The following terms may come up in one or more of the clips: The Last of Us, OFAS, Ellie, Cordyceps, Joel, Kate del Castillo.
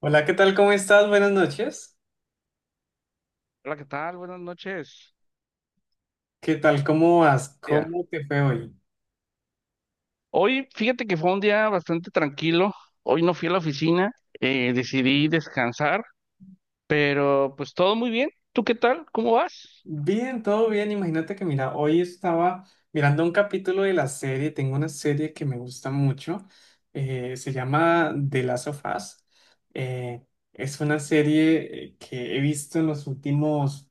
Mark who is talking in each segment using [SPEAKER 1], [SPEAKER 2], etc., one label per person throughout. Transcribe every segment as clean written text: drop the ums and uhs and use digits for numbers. [SPEAKER 1] Hola, ¿qué tal? ¿Cómo estás? Buenas noches.
[SPEAKER 2] Hola, ¿qué tal? Buenas noches.
[SPEAKER 1] ¿Qué tal? ¿Cómo vas?
[SPEAKER 2] Día.
[SPEAKER 1] ¿Cómo te fue hoy?
[SPEAKER 2] Hoy, fíjate que fue un día bastante tranquilo. Hoy no fui a la oficina, decidí descansar, pero pues todo muy bien. ¿Tú qué tal? ¿Cómo vas?
[SPEAKER 1] Bien, todo bien. Imagínate que, mira, hoy estaba mirando un capítulo de la serie. Tengo una serie que me gusta mucho. Se llama The Last of Us. Eh, es una serie que he visto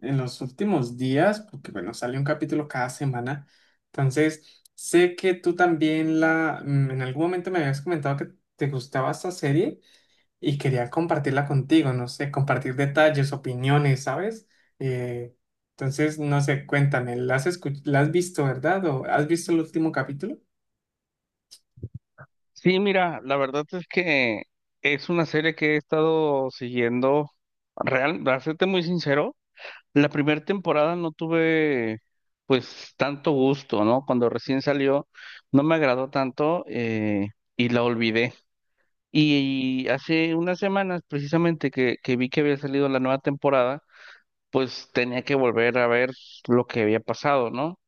[SPEAKER 1] en los últimos días, porque, bueno, sale un capítulo cada semana. Entonces, sé que tú también en algún momento me habías comentado que te gustaba esta serie. Y quería compartirla contigo, no sé, compartir detalles, opiniones, ¿sabes? Eh, entonces, no sé, cuéntame, ¿ la has visto, ¿verdad? ¿O has visto el último capítulo?
[SPEAKER 2] Sí, mira, la verdad es que es una serie que he estado siguiendo, real, para serte muy sincero, la primera temporada no tuve pues tanto gusto, ¿no? Cuando recién salió no me agradó tanto y la olvidé. Y hace unas semanas, precisamente que vi que había salido la nueva temporada, pues tenía que volver a ver lo que había pasado, ¿no?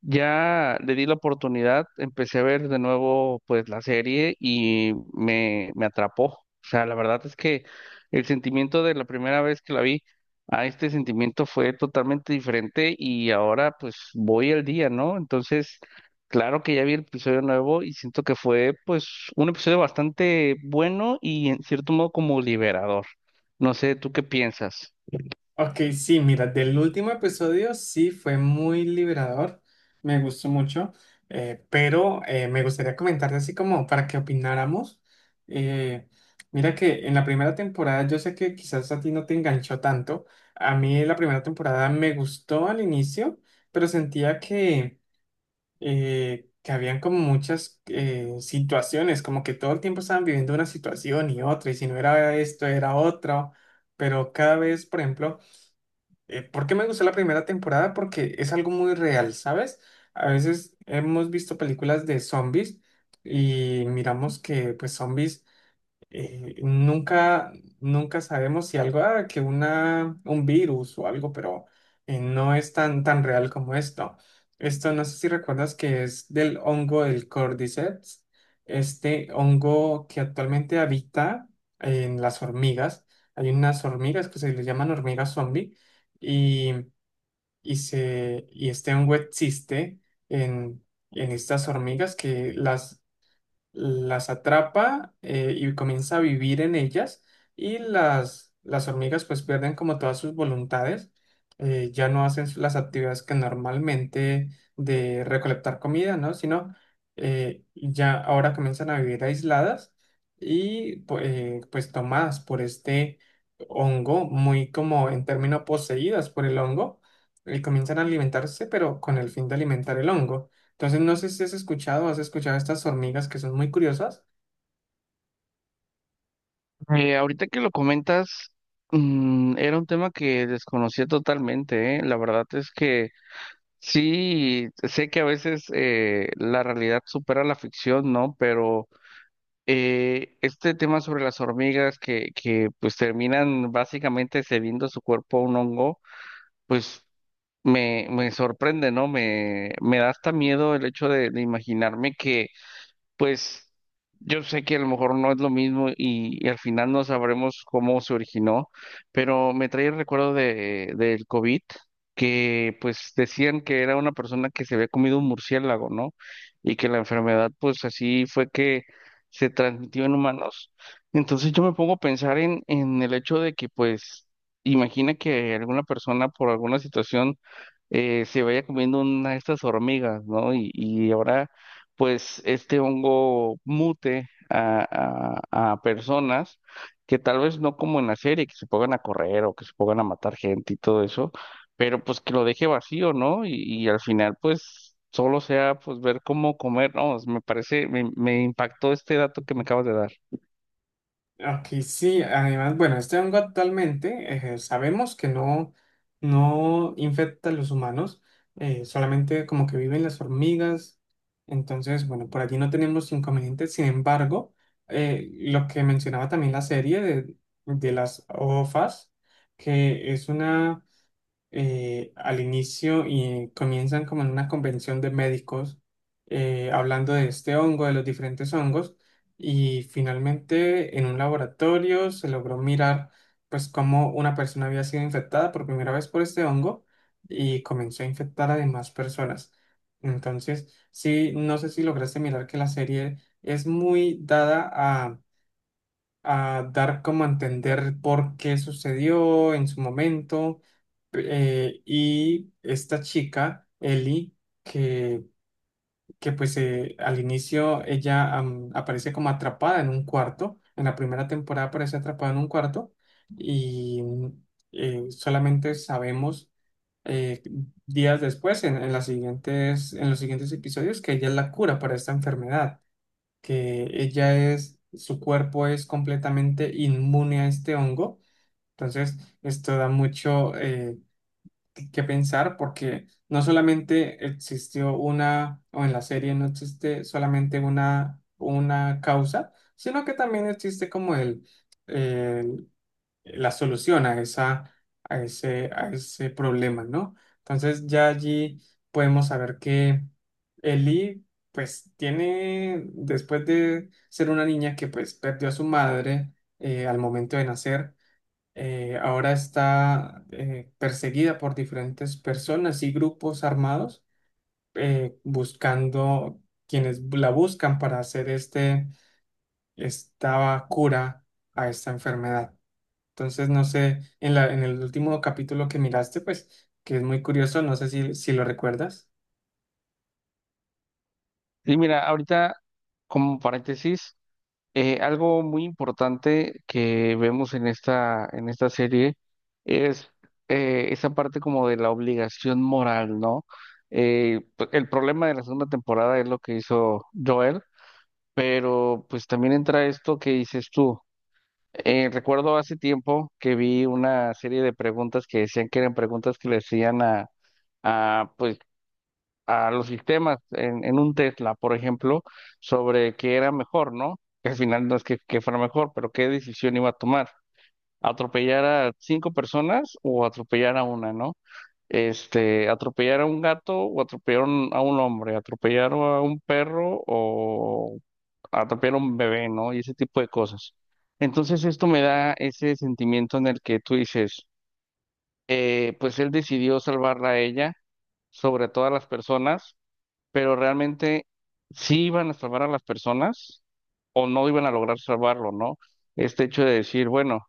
[SPEAKER 2] Ya le di la oportunidad, empecé a ver de nuevo pues la serie y me atrapó. O sea, la verdad es que el sentimiento de la primera vez que la vi a este sentimiento fue totalmente diferente y ahora pues voy al día, ¿no? Entonces, claro que ya vi el episodio nuevo y siento que fue pues un episodio bastante bueno y en cierto modo como liberador. No sé, ¿tú qué piensas?
[SPEAKER 1] Ok, sí, mira, del último episodio sí fue muy liberador, me gustó mucho, pero me gustaría comentarte así como para que opináramos. Eh, Mira que en la primera temporada, yo sé que quizás a ti no te enganchó tanto, a mí la primera temporada me gustó al inicio, pero sentía que habían como muchas situaciones, como que todo el tiempo estaban viviendo una situación y otra, y si no era esto, era otra, pero cada vez, por ejemplo, ¿por qué me gustó la primera temporada? Porque es algo muy real, ¿sabes? A veces hemos visto películas de zombies y miramos que pues zombies, nunca, nunca sabemos si algo, ah, que un virus o algo, pero no es tan, tan real como esto. Esto no sé si recuerdas que es del hongo del Cordyceps, este hongo que actualmente habita en las hormigas. Hay unas hormigas que se les llaman hormigas zombie y, y y este hongo existe en, en estas hormigas que las atrapa, y comienza a vivir en ellas y las hormigas pues pierden como todas sus voluntades, ya no hacen las actividades que normalmente de recolectar comida, ¿no? Sino ya ahora comienzan a vivir aisladas y pues tomadas por este hongo, muy como en términos poseídas por el hongo, y comienzan a alimentarse, pero con el fin de alimentar el hongo. Entonces, no sé si has escuchado, o has escuchado estas hormigas que son muy curiosas.
[SPEAKER 2] Ahorita que lo comentas, era un tema que desconocía totalmente, ¿eh? La verdad es que sí, sé que a veces la realidad supera la ficción, ¿no? Pero este tema sobre las hormigas que pues terminan básicamente cediendo su cuerpo a un hongo, me sorprende, ¿no? Me da hasta miedo el hecho de imaginarme que pues yo sé que a lo mejor no es lo mismo y al final no sabremos cómo se originó, pero me trae el recuerdo del COVID, que pues decían que era una persona que se había comido un murciélago, ¿no? Y que la enfermedad pues así fue que se transmitió en humanos. Entonces yo me pongo a pensar en el hecho de que pues imagina que alguna persona por alguna situación se vaya comiendo una de estas hormigas, ¿no? Y ahora pues este hongo mute a personas que tal vez no como en la serie, que se pongan a correr o que se pongan a matar gente y todo eso, pero pues que lo deje vacío, ¿no? Y al final pues solo sea pues ver cómo comer, no, me parece, me impactó este dato que me acabas de dar.
[SPEAKER 1] Ok, sí, además, bueno, este hongo actualmente sabemos que no, no infecta a los humanos, solamente como que viven las hormigas. Entonces, bueno, por allí no tenemos inconvenientes. Sin embargo, lo que mencionaba también la serie de las OFAS, que es una, al inicio y comienzan como en una convención de médicos hablando de este hongo, de los diferentes hongos, y finalmente en un laboratorio se logró mirar pues cómo una persona había sido infectada por primera vez por este hongo y comenzó a infectar a demás personas. Entonces, sí, no sé si lograste mirar que la serie es muy dada a dar como a entender por qué sucedió en su momento, y esta chica, Ellie, que, que pues al inicio ella aparece como atrapada en un cuarto, en la primera temporada aparece atrapada en un cuarto y solamente sabemos eh, días después, en las siguientes, en los siguientes episodios, que ella es la cura para esta enfermedad, que ella es, su cuerpo es completamente inmune a este hongo, entonces esto da mucho que pensar porque no solamente existió una, o en la serie no existe solamente una causa, sino que también existe como el- la solución a esa, a ese problema, ¿no? Entonces ya allí podemos saber que Ellie pues tiene, después de ser una niña que pues perdió a su madre al momento de nacer, ahora está perseguida por diferentes personas y grupos armados buscando quienes la buscan para hacer esta cura a esta enfermedad. Entonces, no sé, en la, en el último capítulo que miraste, pues, que es muy curioso, no sé si, si lo recuerdas.
[SPEAKER 2] Y mira, ahorita como paréntesis. Algo muy importante que vemos en en esta serie es esa parte como de la obligación moral, ¿no? El problema de la segunda temporada es lo que hizo Joel, pero pues también entra esto que dices tú. Recuerdo hace tiempo que vi una serie de preguntas que decían que eran preguntas que le hacían a, a los sistemas en un Tesla, por ejemplo, sobre qué era mejor, ¿no? Que al final no es que fuera mejor, pero qué decisión iba a tomar. ¿Atropellar a cinco personas o atropellar a una, ¿no? Este, atropellar a un gato o atropellar a un hombre, atropellar a un perro o atropellar a un bebé, ¿no? Y ese tipo de cosas. Entonces esto me da ese sentimiento en el que tú dices, pues él decidió salvarla a ella sobre todas las personas pero realmente sí iban a salvar a las personas o no iban a lograr salvarlo, ¿no? Este hecho de decir, bueno,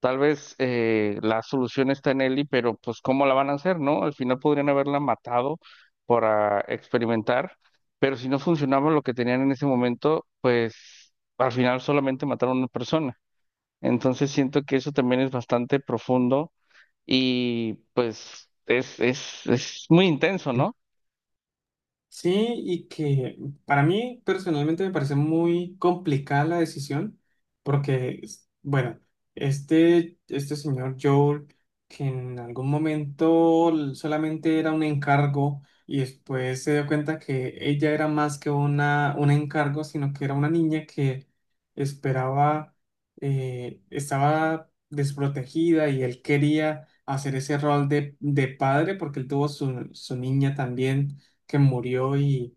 [SPEAKER 2] tal vez la solución está en Ellie, pero pues ¿cómo la van a hacer, no? Al final podrían haberla matado para experimentar, pero si no funcionaba lo que tenían en ese momento, pues al final solamente mataron a una persona. Entonces siento que eso también es bastante profundo y pues es muy intenso, ¿no?
[SPEAKER 1] Sí, y que para mí personalmente me parece muy complicada la decisión, porque, es- bueno, este señor Joel, que en algún momento solamente era un encargo y después se dio cuenta que ella era más que un encargo, sino que era una niña que esperaba, estaba desprotegida y él quería hacer ese rol de padre porque él tuvo su, su niña también que murió, y,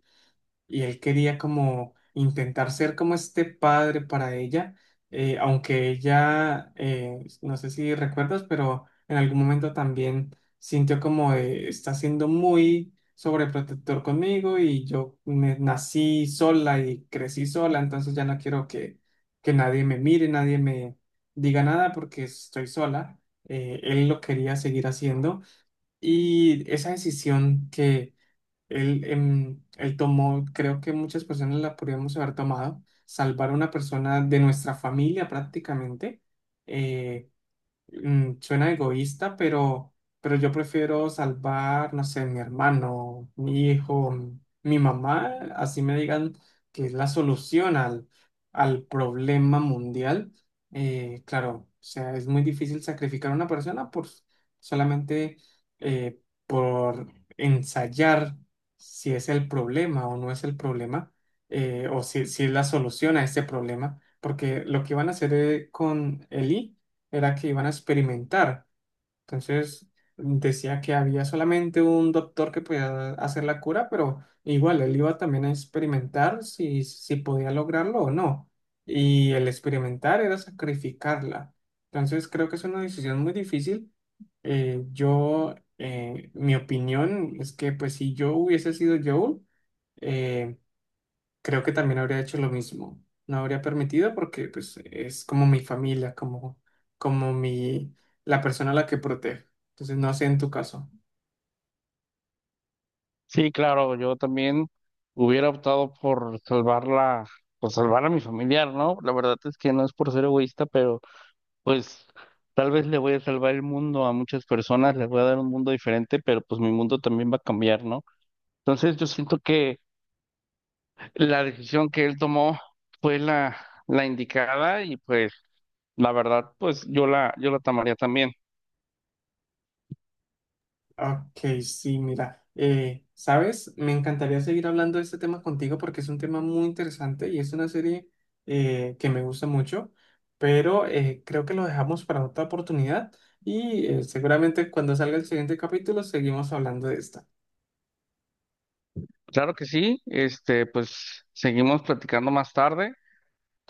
[SPEAKER 1] y él quería como intentar ser como este padre para ella, aunque ella, no sé si recuerdas, pero en algún momento también sintió como de, está siendo muy sobreprotector conmigo y yo nací sola y crecí sola, entonces ya no quiero que nadie me mire, nadie me diga nada porque estoy sola. Él lo quería seguir haciendo y esa decisión que él tomó, creo que muchas personas la podríamos haber tomado, salvar a una persona de nuestra familia prácticamente, eh, suena egoísta, pero yo prefiero salvar, no sé, mi hermano, mi hijo, mi mamá, así me digan que es la solución al, al problema mundial. Claro, o sea, es muy difícil sacrificar a una persona por solamente eh, por ensayar si es el problema o no es el problema, o si, si es la solución a ese problema, porque lo que van a hacer con Eli era que iban a experimentar. Entonces decía que había solamente un doctor que podía hacer la cura, pero igual él iba también a experimentar si, si podía lograrlo o no. Y el experimentar era sacrificarla. Entonces creo que es una decisión muy difícil. Mi opinión es que pues si yo hubiese sido Joel, eh, creo que también habría hecho lo mismo. No habría permitido porque pues es como mi familia, como, como mi, la persona a la que protege. Entonces, no sé en tu caso.
[SPEAKER 2] Sí, claro, yo también hubiera optado por salvarla, pues salvar a mi familiar, ¿no? La verdad es que no es por ser egoísta, pero pues tal vez le voy a salvar el mundo a muchas personas, les voy a dar un mundo diferente, pero pues mi mundo también va a cambiar, ¿no? Entonces yo siento que la decisión que él tomó fue la indicada y pues la verdad, pues yo la tomaría también.
[SPEAKER 1] Ok, sí, mira, ¿sabes? Me encantaría seguir hablando de este tema contigo porque es un tema muy interesante y es una serie que me gusta mucho, pero creo que lo dejamos para otra oportunidad y seguramente cuando salga el siguiente capítulo seguimos hablando de esta.
[SPEAKER 2] Claro que sí, este, pues seguimos platicando más tarde.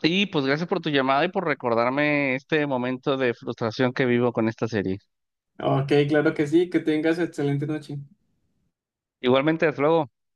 [SPEAKER 2] Y pues gracias por tu llamada y por recordarme este momento de frustración que vivo con esta serie.
[SPEAKER 1] Ok, claro que sí, que tengas excelente noche.
[SPEAKER 2] Igualmente, hasta luego.